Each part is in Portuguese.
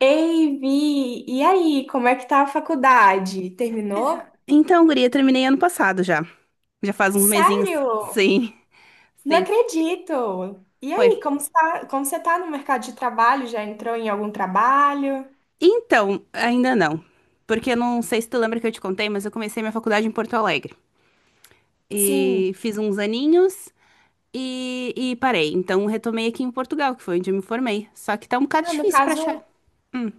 Ei, Vi, e aí, como é que tá a faculdade? Terminou? Então, guria, terminei ano passado já. Já faz uns mesinhos. Sério? Sim, Não sim, acredito! E foi. aí, como você tá no mercado de trabalho? Já entrou em algum trabalho? Então, ainda não. Porque eu não sei se tu lembra que eu te contei, mas eu comecei minha faculdade em Porto Alegre. Sim. E fiz uns aninhos e parei. Então, retomei aqui em Portugal, que foi onde eu me formei. Só que tá um bocado Ah, no difícil pra achar. caso,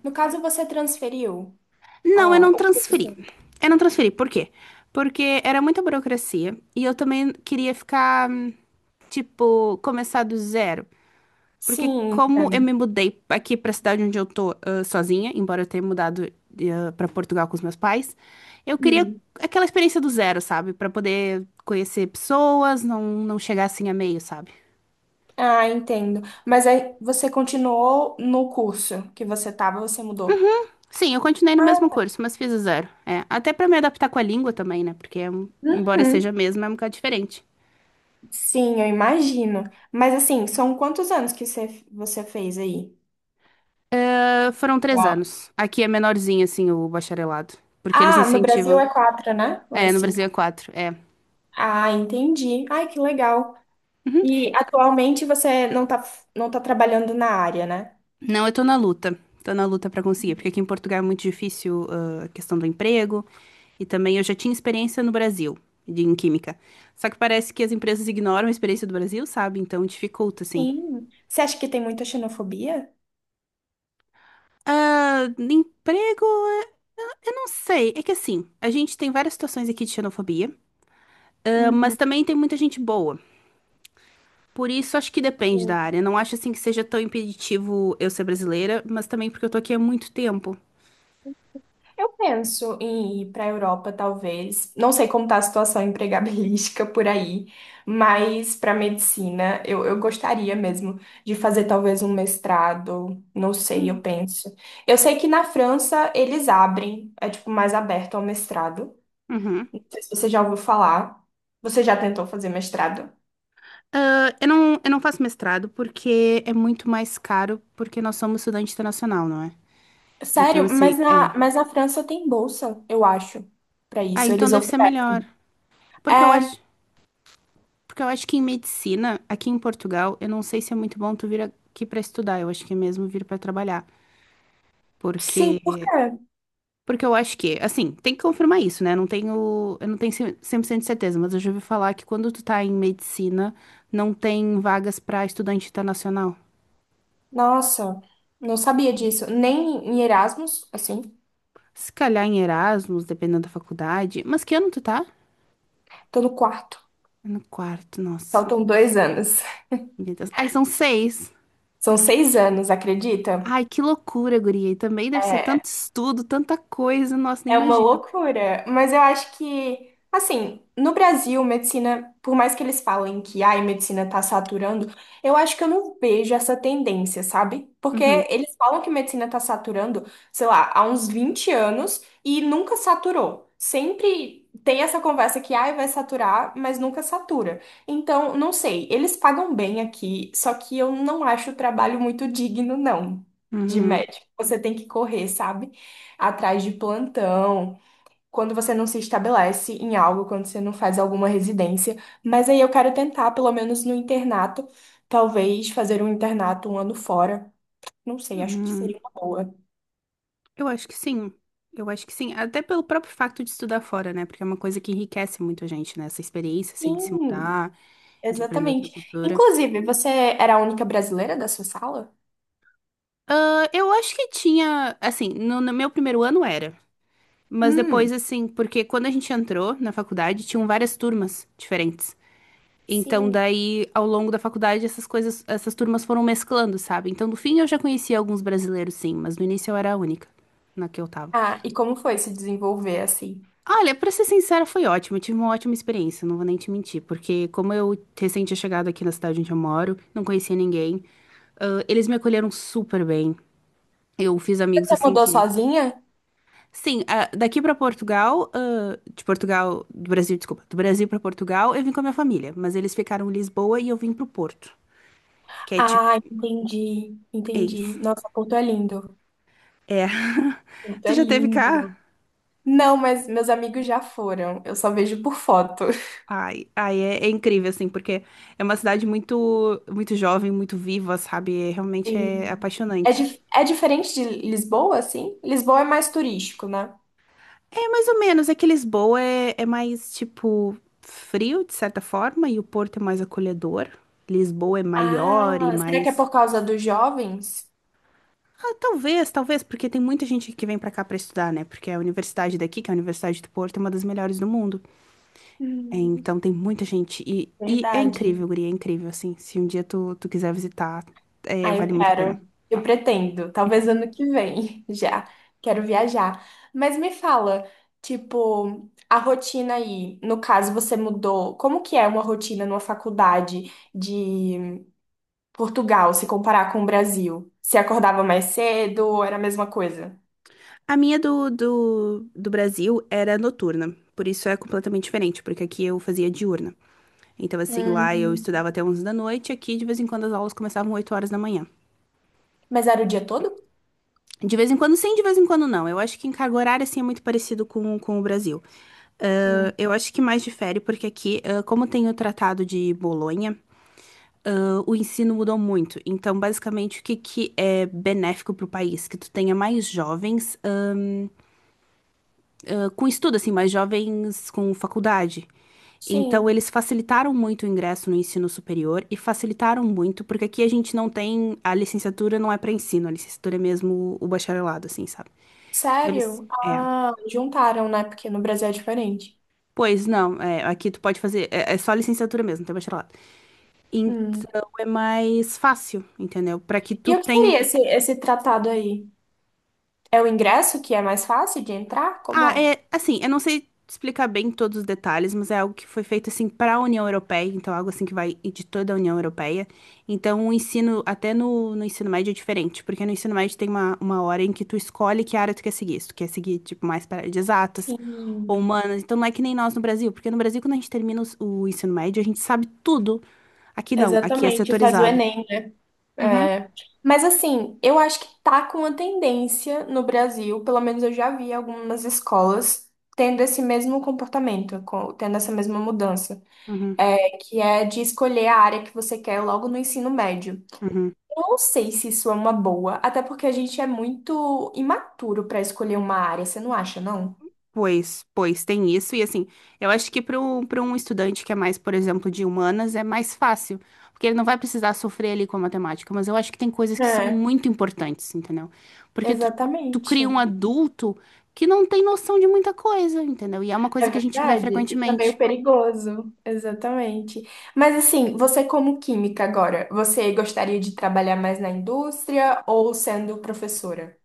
no caso você transferiu. Não, eu Ah, não o transferi. curso. Eu não transferi. Por quê? Porque era muita burocracia e eu também queria ficar, tipo, começar do zero. Porque Sim, como eu entendo. me mudei aqui pra cidade onde eu tô, sozinha, embora eu tenha mudado, pra Portugal com os meus pais, eu queria Hum. aquela experiência do zero, sabe? Pra poder conhecer pessoas, não, não chegar assim a meio, sabe? Ah, entendo. Mas aí você continuou no curso que você tava, você mudou? Sim, eu continuei no Ah, mesmo tá. curso, mas fiz o zero. É, até pra me adaptar com a língua também, né? Porque embora seja a Uhum. mesma, é um bocado diferente. Sim, eu imagino. Mas assim, são quantos anos que você fez aí? Ah, foram três Uau. anos. Aqui é menorzinho, assim, o bacharelado. Porque eles Ah, no Brasil incentivam. é quatro, né? Ou é É, no Brasil cinco? é quatro. É. Ah, entendi. Ai, que legal. E atualmente você não tá, não tá trabalhando na área, né? Não, eu tô na luta. Tô na luta pra conseguir, porque aqui em Portugal é muito difícil, a questão do emprego. E também eu já tinha experiência no Brasil, em química. Só que parece que as empresas ignoram a experiência do Brasil, sabe? Então dificulta, assim. Sim. Você acha que tem muita xenofobia? Ah, emprego, eh, eu não sei. É que assim, a gente tem várias situações aqui de xenofobia, mas Uhum. também tem muita gente boa. Por isso, acho que depende da área. Não acho assim que seja tão impeditivo eu ser brasileira, mas também porque eu tô aqui há muito tempo. Eu penso em ir para a Europa, talvez. Não sei como está a situação empregabilística por aí, mas para medicina eu gostaria mesmo de fazer talvez um mestrado. Não sei, eu Hum. penso. Eu sei que na França eles abrem, é tipo mais aberto ao mestrado. Uhum. Não sei se você já ouviu falar. Você já tentou fazer mestrado? Ah, eu não faço mestrado porque é muito mais caro, porque nós somos estudante internacional, não é? Então, Sério, assim, mas é. na, mas na França tem bolsa, eu acho, para Ah, isso. então Eles deve ser melhor. oferecem. Porque eu É, acho, porque eu acho que em medicina, aqui em Portugal, eu não sei se é muito bom tu vir aqui pra estudar. Eu acho que é mesmo vir pra trabalhar. sim, por quê? Porque, porque eu acho que, assim, tem que confirmar isso, né? Eu não tenho 100% de certeza, mas eu já ouvi falar que quando tu tá em medicina, não tem vagas pra estudante internacional. Nossa, não sabia disso. Nem em Erasmus, assim. Se calhar em Erasmus, dependendo da faculdade. Mas que ano tu tá? Tô no quarto. Tá no quarto, nossa. Faltam 2 anos. Meu Deus. Ai, são seis. São 6 anos, acredita? Ai, que loucura, guria. E também deve ser É, tanto estudo, tanta coisa. Nossa, nem É uma imagina. loucura, mas eu acho que, assim, no Brasil, medicina, por mais que eles falem que ai, medicina tá saturando, eu acho que eu não vejo essa tendência, sabe? Porque Uhum, eles falam que medicina tá saturando, sei lá, há uns 20 anos e nunca saturou. Sempre tem essa conversa que ai, vai saturar, mas nunca satura. Então, não sei, eles pagam bem aqui, só que eu não acho o trabalho muito digno, não, de uhum, médico. Você tem que correr, sabe? Atrás de plantão, quando você não se estabelece em algo, quando você não faz alguma residência. Mas aí eu quero tentar, pelo menos no internato, talvez fazer um internato um ano fora. Não sei, acho que uhum. seria uma boa. Eu acho que sim. Eu acho que sim. Até pelo próprio facto de estudar fora, né? Porque é uma coisa que enriquece muito a gente, né? Essa experiência, assim, de se Sim, mudar, de aprender outra exatamente. cultura. Inclusive, você era a única brasileira da sua sala? Ah, eu acho que tinha, assim, no meu primeiro ano era. Mas Hum, depois, assim, porque quando a gente entrou na faculdade, tinham várias turmas diferentes. Então, sim. daí, ao longo da faculdade, essas turmas foram mesclando, sabe? Então, no fim, eu já conhecia alguns brasileiros, sim, mas no início eu era a única na que eu tava. Ah, e como foi se desenvolver assim? Olha, pra ser sincera, foi ótimo. Eu tive uma ótima experiência, não vou nem te mentir, porque como eu recente tinha chegado aqui na cidade onde eu moro, não conhecia ninguém, eles me acolheram super bem. Eu fiz amigos, Você assim. mudou Que sozinha? Sim, daqui pra Portugal, de Portugal, do Brasil, desculpa, do Brasil pra Portugal, eu vim com a minha família, mas eles ficaram em Lisboa e eu vim pro Porto, que é tipo, Ah, entendi, é entendi. isso. Nossa, Porto é lindo. É. Porto Tu é já teve cá? lindo. Não, mas meus amigos já foram. Eu só vejo por foto. Ai, ai, é incrível assim, porque é uma cidade muito, muito jovem, muito viva, sabe? É, realmente é Sim. É, apaixonante. dif- é diferente de Lisboa, assim? Lisboa é mais turístico, né? É mais ou menos, é que Lisboa é mais tipo frio, de certa forma, e o Porto é mais acolhedor. Lisboa é maior e Ah, será que é mais. por causa dos jovens? Talvez, talvez, porque tem muita gente que vem pra cá pra estudar, né? Porque a universidade daqui, que é a Universidade do Porto, é uma das melhores do mundo. É, Hum, então tem muita gente. E é verdade. incrível, guria, é incrível, assim. Se um dia tu quiser visitar, Ah, eu vale muito a pena. quero. Eu pretendo. Talvez ano que vem já. Quero viajar. Mas me fala, tipo, a rotina aí. No caso, você mudou. Como que é uma rotina numa faculdade de Portugal, se comparar com o Brasil? Se acordava mais cedo, era a mesma coisa? A minha do Brasil era noturna, por isso é completamente diferente, porque aqui eu fazia diurna. Então, assim, lá eu Uhum. estudava até 11 da noite, aqui de vez em quando as aulas começavam 8 horas da manhã. Mas era o dia todo? De vez em quando sim, de vez em quando não. Eu acho que em carga horária, assim, é muito parecido com o Brasil. Ah, Hum. eu acho que mais difere porque aqui, como tem o Tratado de Bolonha, o ensino mudou muito. Então, basicamente, o que, que é benéfico para o país? Que tu tenha mais jovens, com estudo, assim, mais jovens com faculdade. Então, Sim. eles facilitaram muito o ingresso no ensino superior e facilitaram muito, porque aqui a gente não tem, a licenciatura não é para ensino, a licenciatura é mesmo o bacharelado, assim, sabe? Então, eles. Sério? É. Ah, juntaram, né? Porque no Brasil é diferente. Pois não, é, aqui tu pode fazer, é só licenciatura mesmo, não tem bacharelado. Hum. Então é mais fácil, entendeu? Para que tu E o que tenha. seria esse tratado aí? É o ingresso que é mais fácil de entrar? Como Ah, é? é assim, eu não sei explicar bem todos os detalhes, mas é algo que foi feito assim para a União Europeia, então algo assim que vai de toda a União Europeia. Então o ensino, até no ensino médio é diferente, porque no ensino médio tem uma hora em que tu escolhe que área tu quer seguir, se tu quer seguir tipo mais para área de exatas ou Sim, humanas, então não é que nem nós no Brasil, porque no Brasil quando a gente termina o ensino médio a gente sabe tudo. Aqui não, aqui é exatamente. Faz o setorizado. Enem. Uhum, É. Mas assim, eu acho que tá com uma tendência no Brasil, pelo menos eu já vi algumas escolas tendo esse mesmo comportamento, tendo essa mesma mudança, uhum, é, que é de escolher a área que você quer logo no ensino médio. uhum. Eu não sei se isso é uma boa, até porque a gente é muito imaturo pra escolher uma área, você não acha, não? Pois, pois, tem isso. E assim, eu acho que para um estudante que é mais, por exemplo, de humanas, é mais fácil, porque ele não vai precisar sofrer ali com a matemática. Mas eu acho que tem coisas que são É, muito importantes, entendeu? Porque tu cria um exatamente. adulto que não tem noção de muita coisa, entendeu? E é uma É coisa que a gente vê verdade, isso é frequentemente. meio perigoso, exatamente. Mas assim, você como química agora, você gostaria de trabalhar mais na indústria ou sendo professora?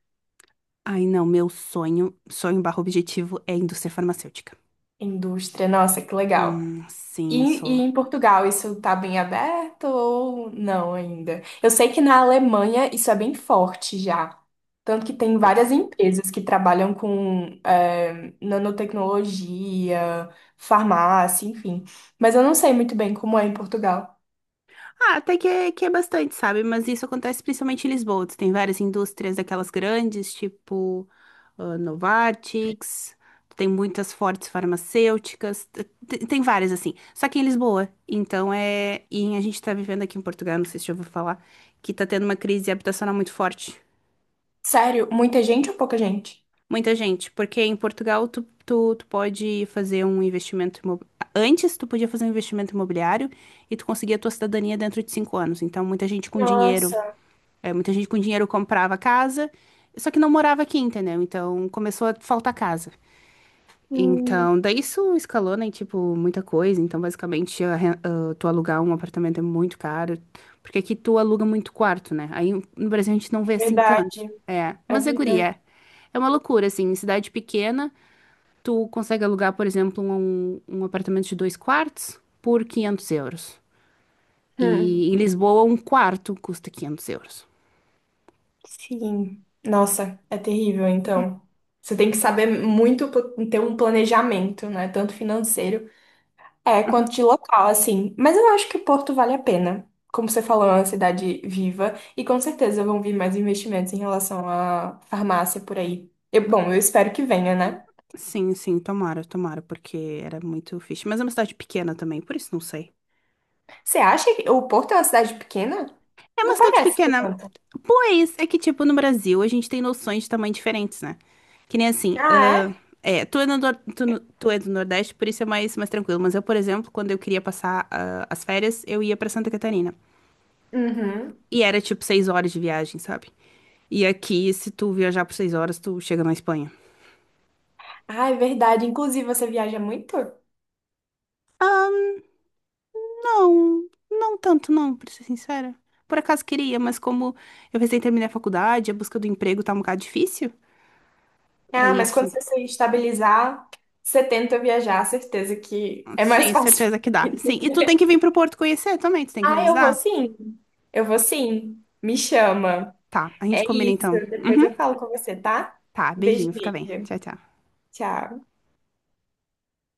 Ai, não, meu sonho, sonho barra objetivo é indústria farmacêutica. Indústria, nossa, que legal. E, Sim, sou. e em Portugal, isso tá bem aberto ou não ainda? Eu sei que na Alemanha isso é bem forte já. Tanto que tem Pois. várias empresas que trabalham com nanotecnologia, farmácia, enfim. Mas eu não sei muito bem como é em Portugal. Até que é bastante, sabe? Mas isso acontece principalmente em Lisboa. Tu tem várias indústrias daquelas grandes, tipo Novartis, tem muitas fortes farmacêuticas, tem várias assim. Só que em Lisboa. Então é. E a gente tá vivendo aqui em Portugal, não sei se já ouviu falar, que tá tendo uma crise habitacional muito forte. Sério, muita gente ou pouca gente? Muita gente, porque em Portugal tu pode fazer um investimento Antes tu podia fazer um investimento imobiliário e tu conseguia a tua cidadania dentro de 5 anos. Então muita gente com dinheiro. Nossa, Muita gente com dinheiro comprava casa, só que não morava aqui, entendeu? Então começou a faltar casa. hum, Então, daí isso escalou, né? Tipo, muita coisa. Então, basicamente, tu alugar um apartamento é muito caro. Porque aqui tu aluga muito quarto, né? Aí no Brasil a gente não vê é assim tanto. verdade, É, é mas é guria. verdade. É. É uma loucura, assim. Em cidade pequena, tu consegue alugar, por exemplo, um apartamento de dois quartos por 500 euros. Hum, E em Lisboa, um quarto custa 500 euros. sim. Nossa, é terrível, então. Você tem que saber muito ter um planejamento, né? Tanto financeiro, é, quanto de local, assim. Mas eu acho que Porto vale a pena. Como você falou, é uma cidade viva e com certeza vão vir mais investimentos em relação à farmácia por aí. Bom, eu espero que venha, né? Sim, sim, tomara, tomara, porque era muito fixe. Mas é uma cidade pequena também, por isso não sei. Você acha que o Porto é uma cidade pequena? É Não uma cidade parece ser pequena. tanto. Pois é que, tipo, no Brasil a gente tem noções de tamanho diferentes, né? Que nem assim. Ah, é? Tu é, no nor- tu, no- tu é do Nordeste, por isso é mais, mais tranquilo. Mas eu, por exemplo, quando eu queria passar as férias, eu ia pra Santa Catarina. Uhum. E era tipo 6 horas de viagem, sabe? E aqui, se tu viajar por 6 horas, tu chega na Espanha. Ah, é verdade. Inclusive, você viaja muito? Não, não tanto, não, pra ser sincera. Por acaso queria, mas como eu recém terminei a faculdade, a busca do emprego tá um bocado difícil. É Ah, mas quando isso. você se estabilizar, você tenta viajar, certeza que é mais Sim, fácil. certeza que dá. Sim, e tu tem que vir pro Porto conhecer também, tu tem que me Ah, eu vou avisar? sim. Eu vou sim. Me chama. Tá, a gente É combina isso. então. Depois eu falo com você, tá? Tá, Beijo, beijinho, fica bem. beijo. Tchau, tchau. Tchau.